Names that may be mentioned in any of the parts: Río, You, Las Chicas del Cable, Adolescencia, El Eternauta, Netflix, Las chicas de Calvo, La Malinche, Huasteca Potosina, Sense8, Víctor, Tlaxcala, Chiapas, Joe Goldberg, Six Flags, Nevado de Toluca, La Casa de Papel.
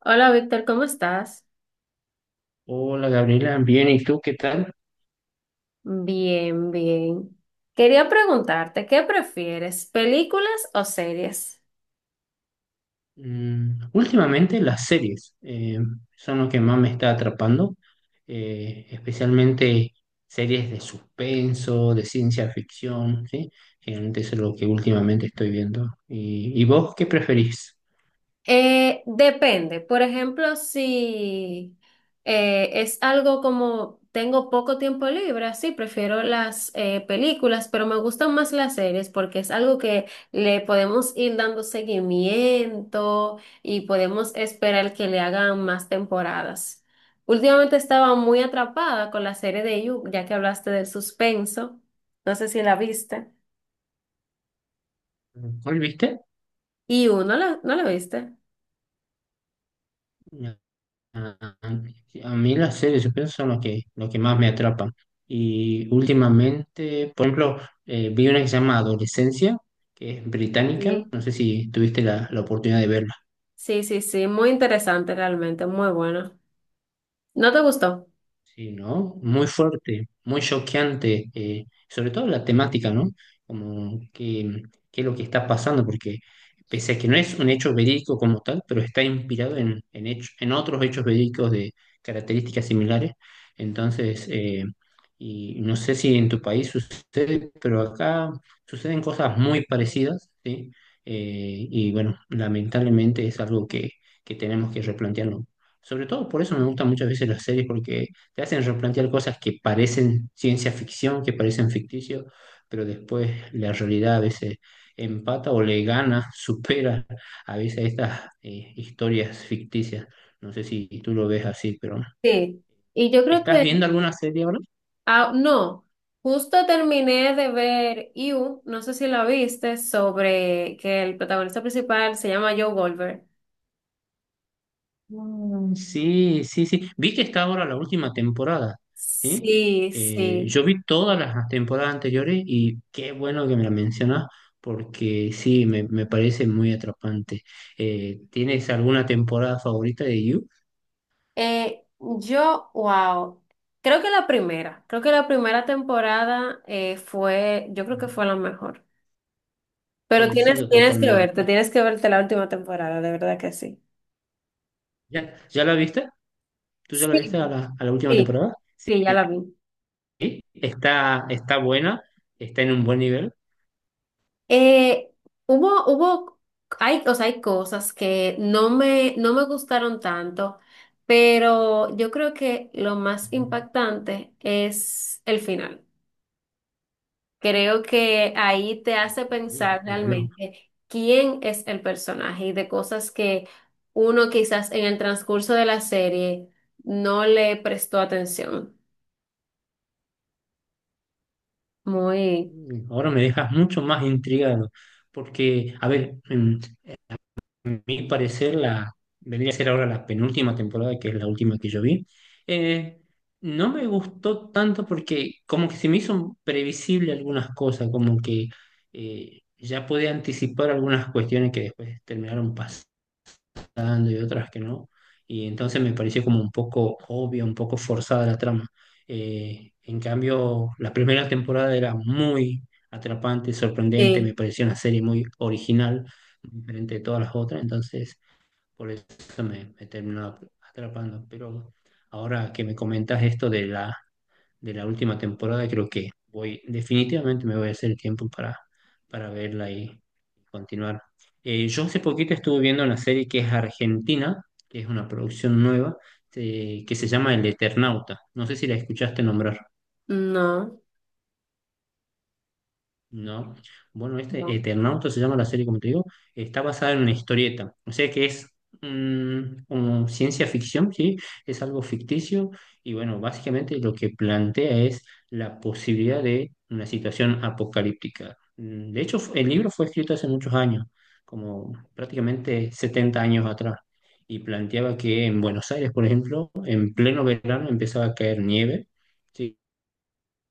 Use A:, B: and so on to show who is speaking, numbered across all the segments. A: Hola Víctor, ¿cómo estás?
B: Hola Gabriela, bien, ¿y tú qué tal?
A: Bien, bien. Quería preguntarte, ¿qué prefieres, películas o series?
B: Últimamente las series son lo que más me está atrapando, especialmente series de suspenso, de ciencia ficción, ¿sí? Generalmente eso
A: Depende. Por ejemplo, si es algo como tengo poco tiempo libre, así prefiero las películas, pero me gustan más las series porque es algo que le podemos ir dando seguimiento y podemos esperar que le hagan más temporadas. Últimamente estaba muy atrapada con la serie de You, ya que hablaste del suspenso. No sé si la viste. Y no la viste.
B: es. Ah, a mí las series de suspenso son lo que más me atrapan. Y últimamente, por ejemplo, vi una que se llama Adolescencia, que es británica.
A: Sí.
B: No sé si tuviste la oportunidad de verla.
A: Sí, sí, sí, muy interesante realmente, muy bueno. ¿No te gustó?
B: Sí, ¿no? Muy fuerte, muy choqueante, sobre todo la temática, ¿no? Como que, ¿qué es lo que está pasando? Porque pese a que no es un hecho verídico como tal, pero está inspirado en otros hechos verídicos de características similares. Entonces, y no sé si en tu país sucede, pero acá suceden cosas muy parecidas, ¿sí? Y bueno, lamentablemente es algo que, tenemos que replantearnos. Sobre todo por eso me gustan muchas veces las series, porque te hacen replantear cosas que parecen ciencia ficción, que parecen ficticio, pero después la realidad a veces empata o le gana, supera a veces estas historias ficticias. No sé si tú lo ves así, pero
A: Sí. Y yo creo
B: ¿estás
A: que,
B: viendo alguna serie ahora?
A: no, justo terminé de ver You, no sé si la viste, sobre que el protagonista principal se llama Joe Goldberg.
B: Mm, sí, sí, sí. Vi que está ahora la última temporada, ¿sí?
A: Sí, sí.
B: Yo vi todas las temporadas anteriores y qué bueno que me la mencionas, porque sí, me, parece muy atrapante. ¿Tienes alguna temporada favorita de You?
A: Yo, wow, creo que la primera temporada yo creo que
B: Ujú.
A: fue la mejor. Pero tienes,
B: Coincido
A: tienes que verte,
B: totalmente.
A: tienes que verte la última temporada, de verdad que sí.
B: ya, la viste? ¿Tú ya la
A: Sí.
B: viste a la, última
A: Sí,
B: temporada?
A: sí,
B: Sí.
A: ya la vi.
B: está buena, está en un buen nivel.
A: Eh, hubo, hubo, hay, o sea, hay cosas que no me gustaron tanto, pero yo creo que lo más
B: Ujú.
A: impactante es el final. Creo que ahí te hace
B: Sí,
A: pensar
B: bueno.
A: realmente quién es el personaje y de cosas que uno quizás en el transcurso de la serie no le prestó atención. Muy,
B: Ahora me dejas mucho más intrigado, porque, a ver, en mi parecer, vendría a ser ahora la penúltima temporada, que es la última que yo vi. eh, no me gustó tanto porque como que se me hizo previsible algunas cosas, como que ya podía anticipar algunas cuestiones que después terminaron dando y otras que no. Y entonces me pareció como un poco obvio, un poco forzada la trama. En cambio, la primera temporada era muy atrapante, sorprendente, me
A: sí,
B: pareció una serie muy original, diferente de todas las otras, entonces por eso me, terminó atrapando. Pero ahora que me comentas esto de la última temporada, creo que definitivamente me voy a hacer el tiempo para verla y continuar. Yo hace poquito estuve viendo una serie que es argentina, que es una producción nueva, que se llama El Eternauta. No sé si la escuchaste nombrar.
A: no.
B: No. Bueno, este
A: No.
B: Eternauta se llama la serie, como te digo, está basada en una historieta. O sea que es, como ciencia ficción, ¿sí? Es algo ficticio y bueno, básicamente lo que plantea es la posibilidad de una situación apocalíptica. De hecho, el libro fue escrito hace muchos años, como prácticamente 70 años atrás, y planteaba que en Buenos Aires, por ejemplo, en pleno verano empezaba a caer nieve. ¿Sí?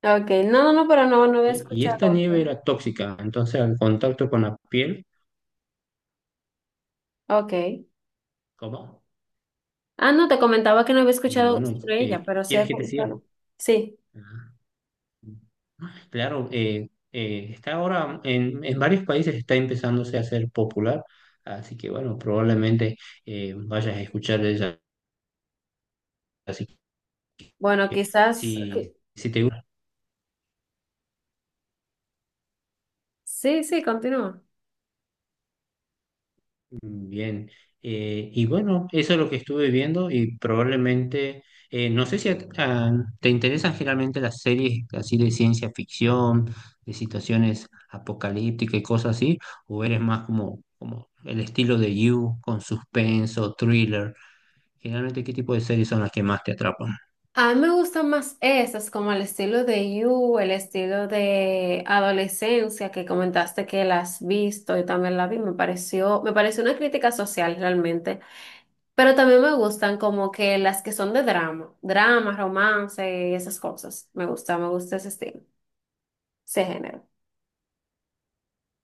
A: Ok, no, no, no, pero no, no había
B: ¿Sí? Y esta
A: escuchado.
B: nieve era tóxica, entonces al contacto con la piel,
A: Ok.
B: ¿cómo?
A: Ah, no, te comentaba que no había escuchado
B: Bueno,
A: sobre ella, pero sí
B: ¿quieres
A: he
B: que te siga?
A: comentado. Sí,
B: Ah. Claro, está ahora en, varios países está empezándose a hacer popular, así que bueno, probablemente vayas a escuchar de ella. Así
A: bueno,
B: que
A: quizás.
B: si te gusta.
A: Sí, sí, continúa.
B: Bien, y bueno, eso es lo que estuve viendo y probablemente, no sé si te interesan generalmente las series así de ciencia ficción, de situaciones apocalípticas y cosas así, o eres más como el estilo de You con suspenso, thriller. Generalmente, ¿qué tipo de series son las que más te atrapan?
A: A mí me gustan más esas, como el estilo de You, el estilo de adolescencia que comentaste que la has visto, yo también la vi, me pareció una crítica social realmente, pero también me gustan como que las que son de drama, drama, romance y esas cosas. Me gusta ese estilo, ese género.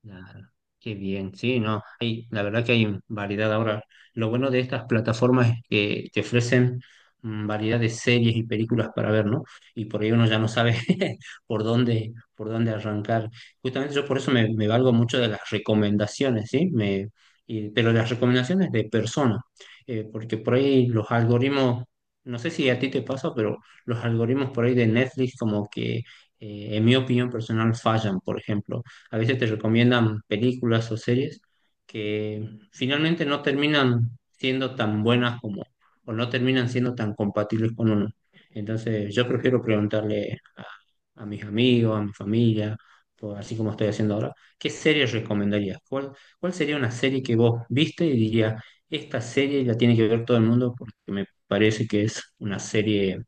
B: Claro, qué bien, sí, no, la verdad que hay variedad ahora. Lo bueno de estas plataformas es que te ofrecen, variedad de series y películas para ver, ¿no? Y por ahí uno ya no sabe por dónde, arrancar. Justamente yo por eso me valgo mucho de las recomendaciones, ¿sí? Pero las recomendaciones de personas, porque por ahí los algoritmos, no sé si a ti te pasa, pero los algoritmos por ahí de Netflix como que, en mi opinión personal, fallan, por ejemplo a veces te recomiendan películas o series que finalmente no terminan siendo tan buenas como, o no terminan siendo tan compatibles con uno. Entonces, yo prefiero preguntarle a, mis amigos, a mi familia, así como estoy haciendo ahora. ¿Qué serie recomendarías? cuál sería una serie que vos viste y dirías: esta serie la tiene que ver todo el mundo porque me parece que es una serie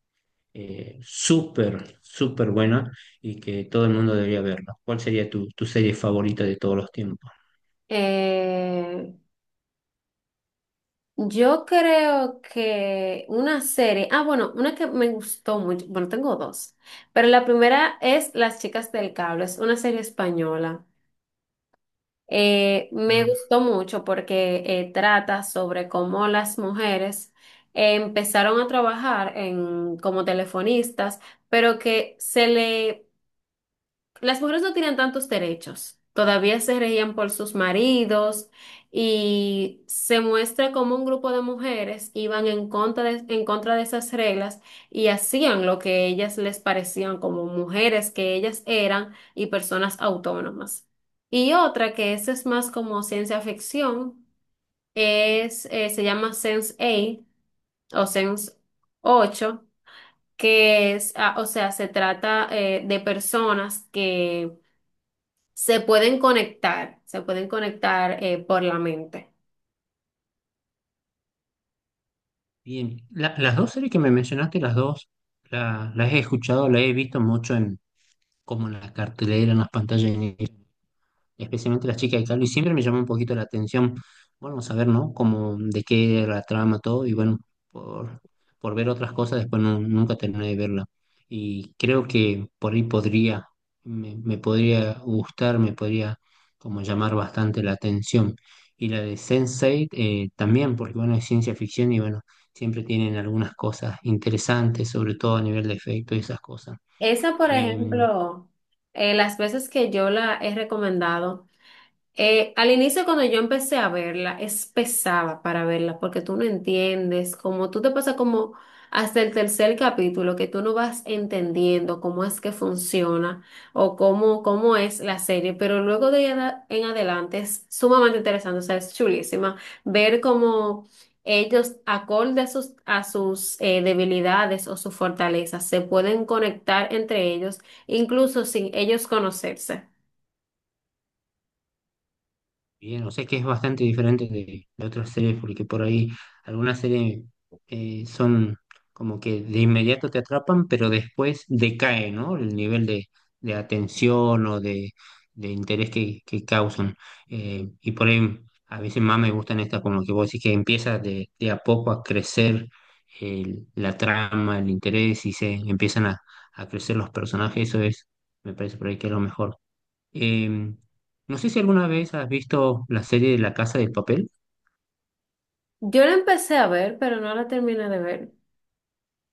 B: súper, súper buena y que todo el mundo debería verla? ¿Cuál sería tu, serie favorita de todos los tiempos?
A: Eh, yo creo que una serie, bueno, una que me gustó mucho, bueno, tengo dos, pero la primera es Las Chicas del Cable, es una serie española. Me
B: Ah,
A: gustó mucho porque trata sobre cómo las mujeres empezaron a trabajar en, como telefonistas, pero que se le Las mujeres no tenían tantos derechos. Todavía se regían por sus maridos y se muestra como un grupo de mujeres iban en contra de esas reglas y hacían lo que ellas les parecían como mujeres que ellas eran y personas autónomas. Y otra que esa es más como ciencia ficción, se llama Sense8 o Sense ocho que es, o sea, se trata de personas que se pueden conectar por la mente.
B: bien. Las dos series que me mencionaste, las dos, las he escuchado, las he visto mucho como en la cartelera, en las pantallas. Especialmente Las Chicas de Calvo, y siempre me llamó un poquito la atención, bueno, saber, ¿no? Como de qué era la trama, todo, y bueno, por, por, ver otras cosas, después nunca terminé de verla. Y creo que por ahí me podría gustar, me podría como llamar bastante la atención. Y la de Sense8 también, porque bueno, es ciencia ficción y bueno, siempre tienen algunas cosas interesantes, sobre todo a nivel de efecto y esas cosas.
A: Esa, por
B: Em,
A: ejemplo, las veces que yo la he recomendado. Al inicio, cuando yo empecé a verla, es pesada para verla porque tú no entiendes, como tú te pasas como hasta el tercer capítulo que tú no vas entendiendo cómo es que funciona o cómo es la serie, pero luego de ahí en adelante es sumamente interesante, o sea, es chulísima ver cómo ellos, acorde a sus, debilidades o sus fortalezas, se pueden conectar entre ellos, incluso sin ellos conocerse.
B: Bien, o sea que es bastante diferente de, otras series, porque por ahí algunas series son como que de inmediato te atrapan, pero después decae, ¿no? El nivel de, atención o de, interés que causan. Y por ahí a veces más me gustan estas, como que vos decís que empieza de, a poco a crecer la trama, el interés y se empiezan a crecer los personajes, eso es, me parece por ahí que es lo mejor. Em, no sé si alguna vez has visto la serie de La Casa de Papel,
A: Yo la empecé a ver, pero no la terminé de ver.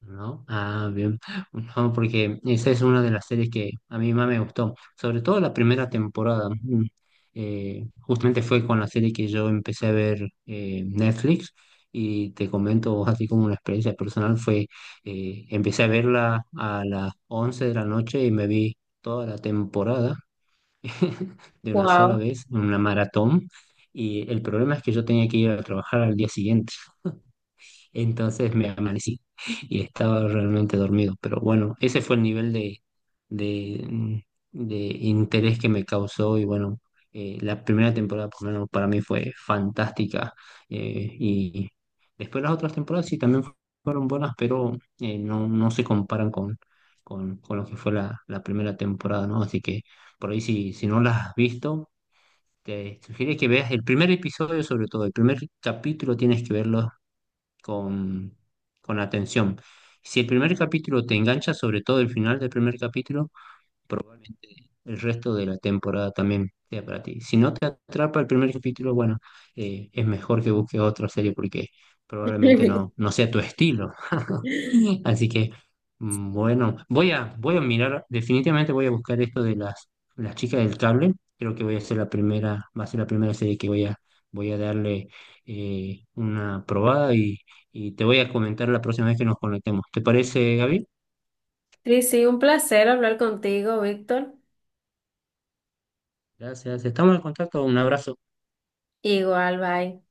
B: ¿no? Ah, bien. No, porque esa es una de las series que a mí más me gustó, sobre todo la primera temporada. Mm. Justamente fue con la serie que yo empecé a ver, Netflix, y te comento así como una experiencia personal, empecé a verla a las 11 de la noche y me vi toda la temporada de una sola
A: Wow.
B: vez, en una maratón, y el problema es que yo tenía que ir a trabajar al día siguiente. Entonces me amanecí y estaba realmente dormido. Pero bueno, ese fue el nivel de, mm, de interés que me causó y bueno, la primera temporada por lo menos para mí fue fantástica. Y después las otras temporadas sí también fueron buenas, pero no, se comparan con lo que fue la primera temporada, ¿no? Así que por ahí si no las has visto, te sugiero que veas el primer episodio. Sobre todo, el primer capítulo tienes que verlo con, con atención. Si el primer capítulo te engancha, sobre todo el final del primer capítulo, probablemente el resto de la temporada también sea para ti. Si no te atrapa el primer capítulo, bueno, es mejor que busques otra serie porque probablemente no, sea tu estilo. Sí. Así que, bueno, voy a, mirar, definitivamente voy a buscar esto de las chicas del cable. Creo que voy a ser la primera, va a ser la primera serie que voy a, darle una probada y te voy a comentar la próxima vez que nos conectemos. ¿Te parece, Gaby?
A: Sí, sí, un placer hablar contigo, Víctor.
B: Gracias, estamos en contacto, un abrazo.
A: Igual, bye.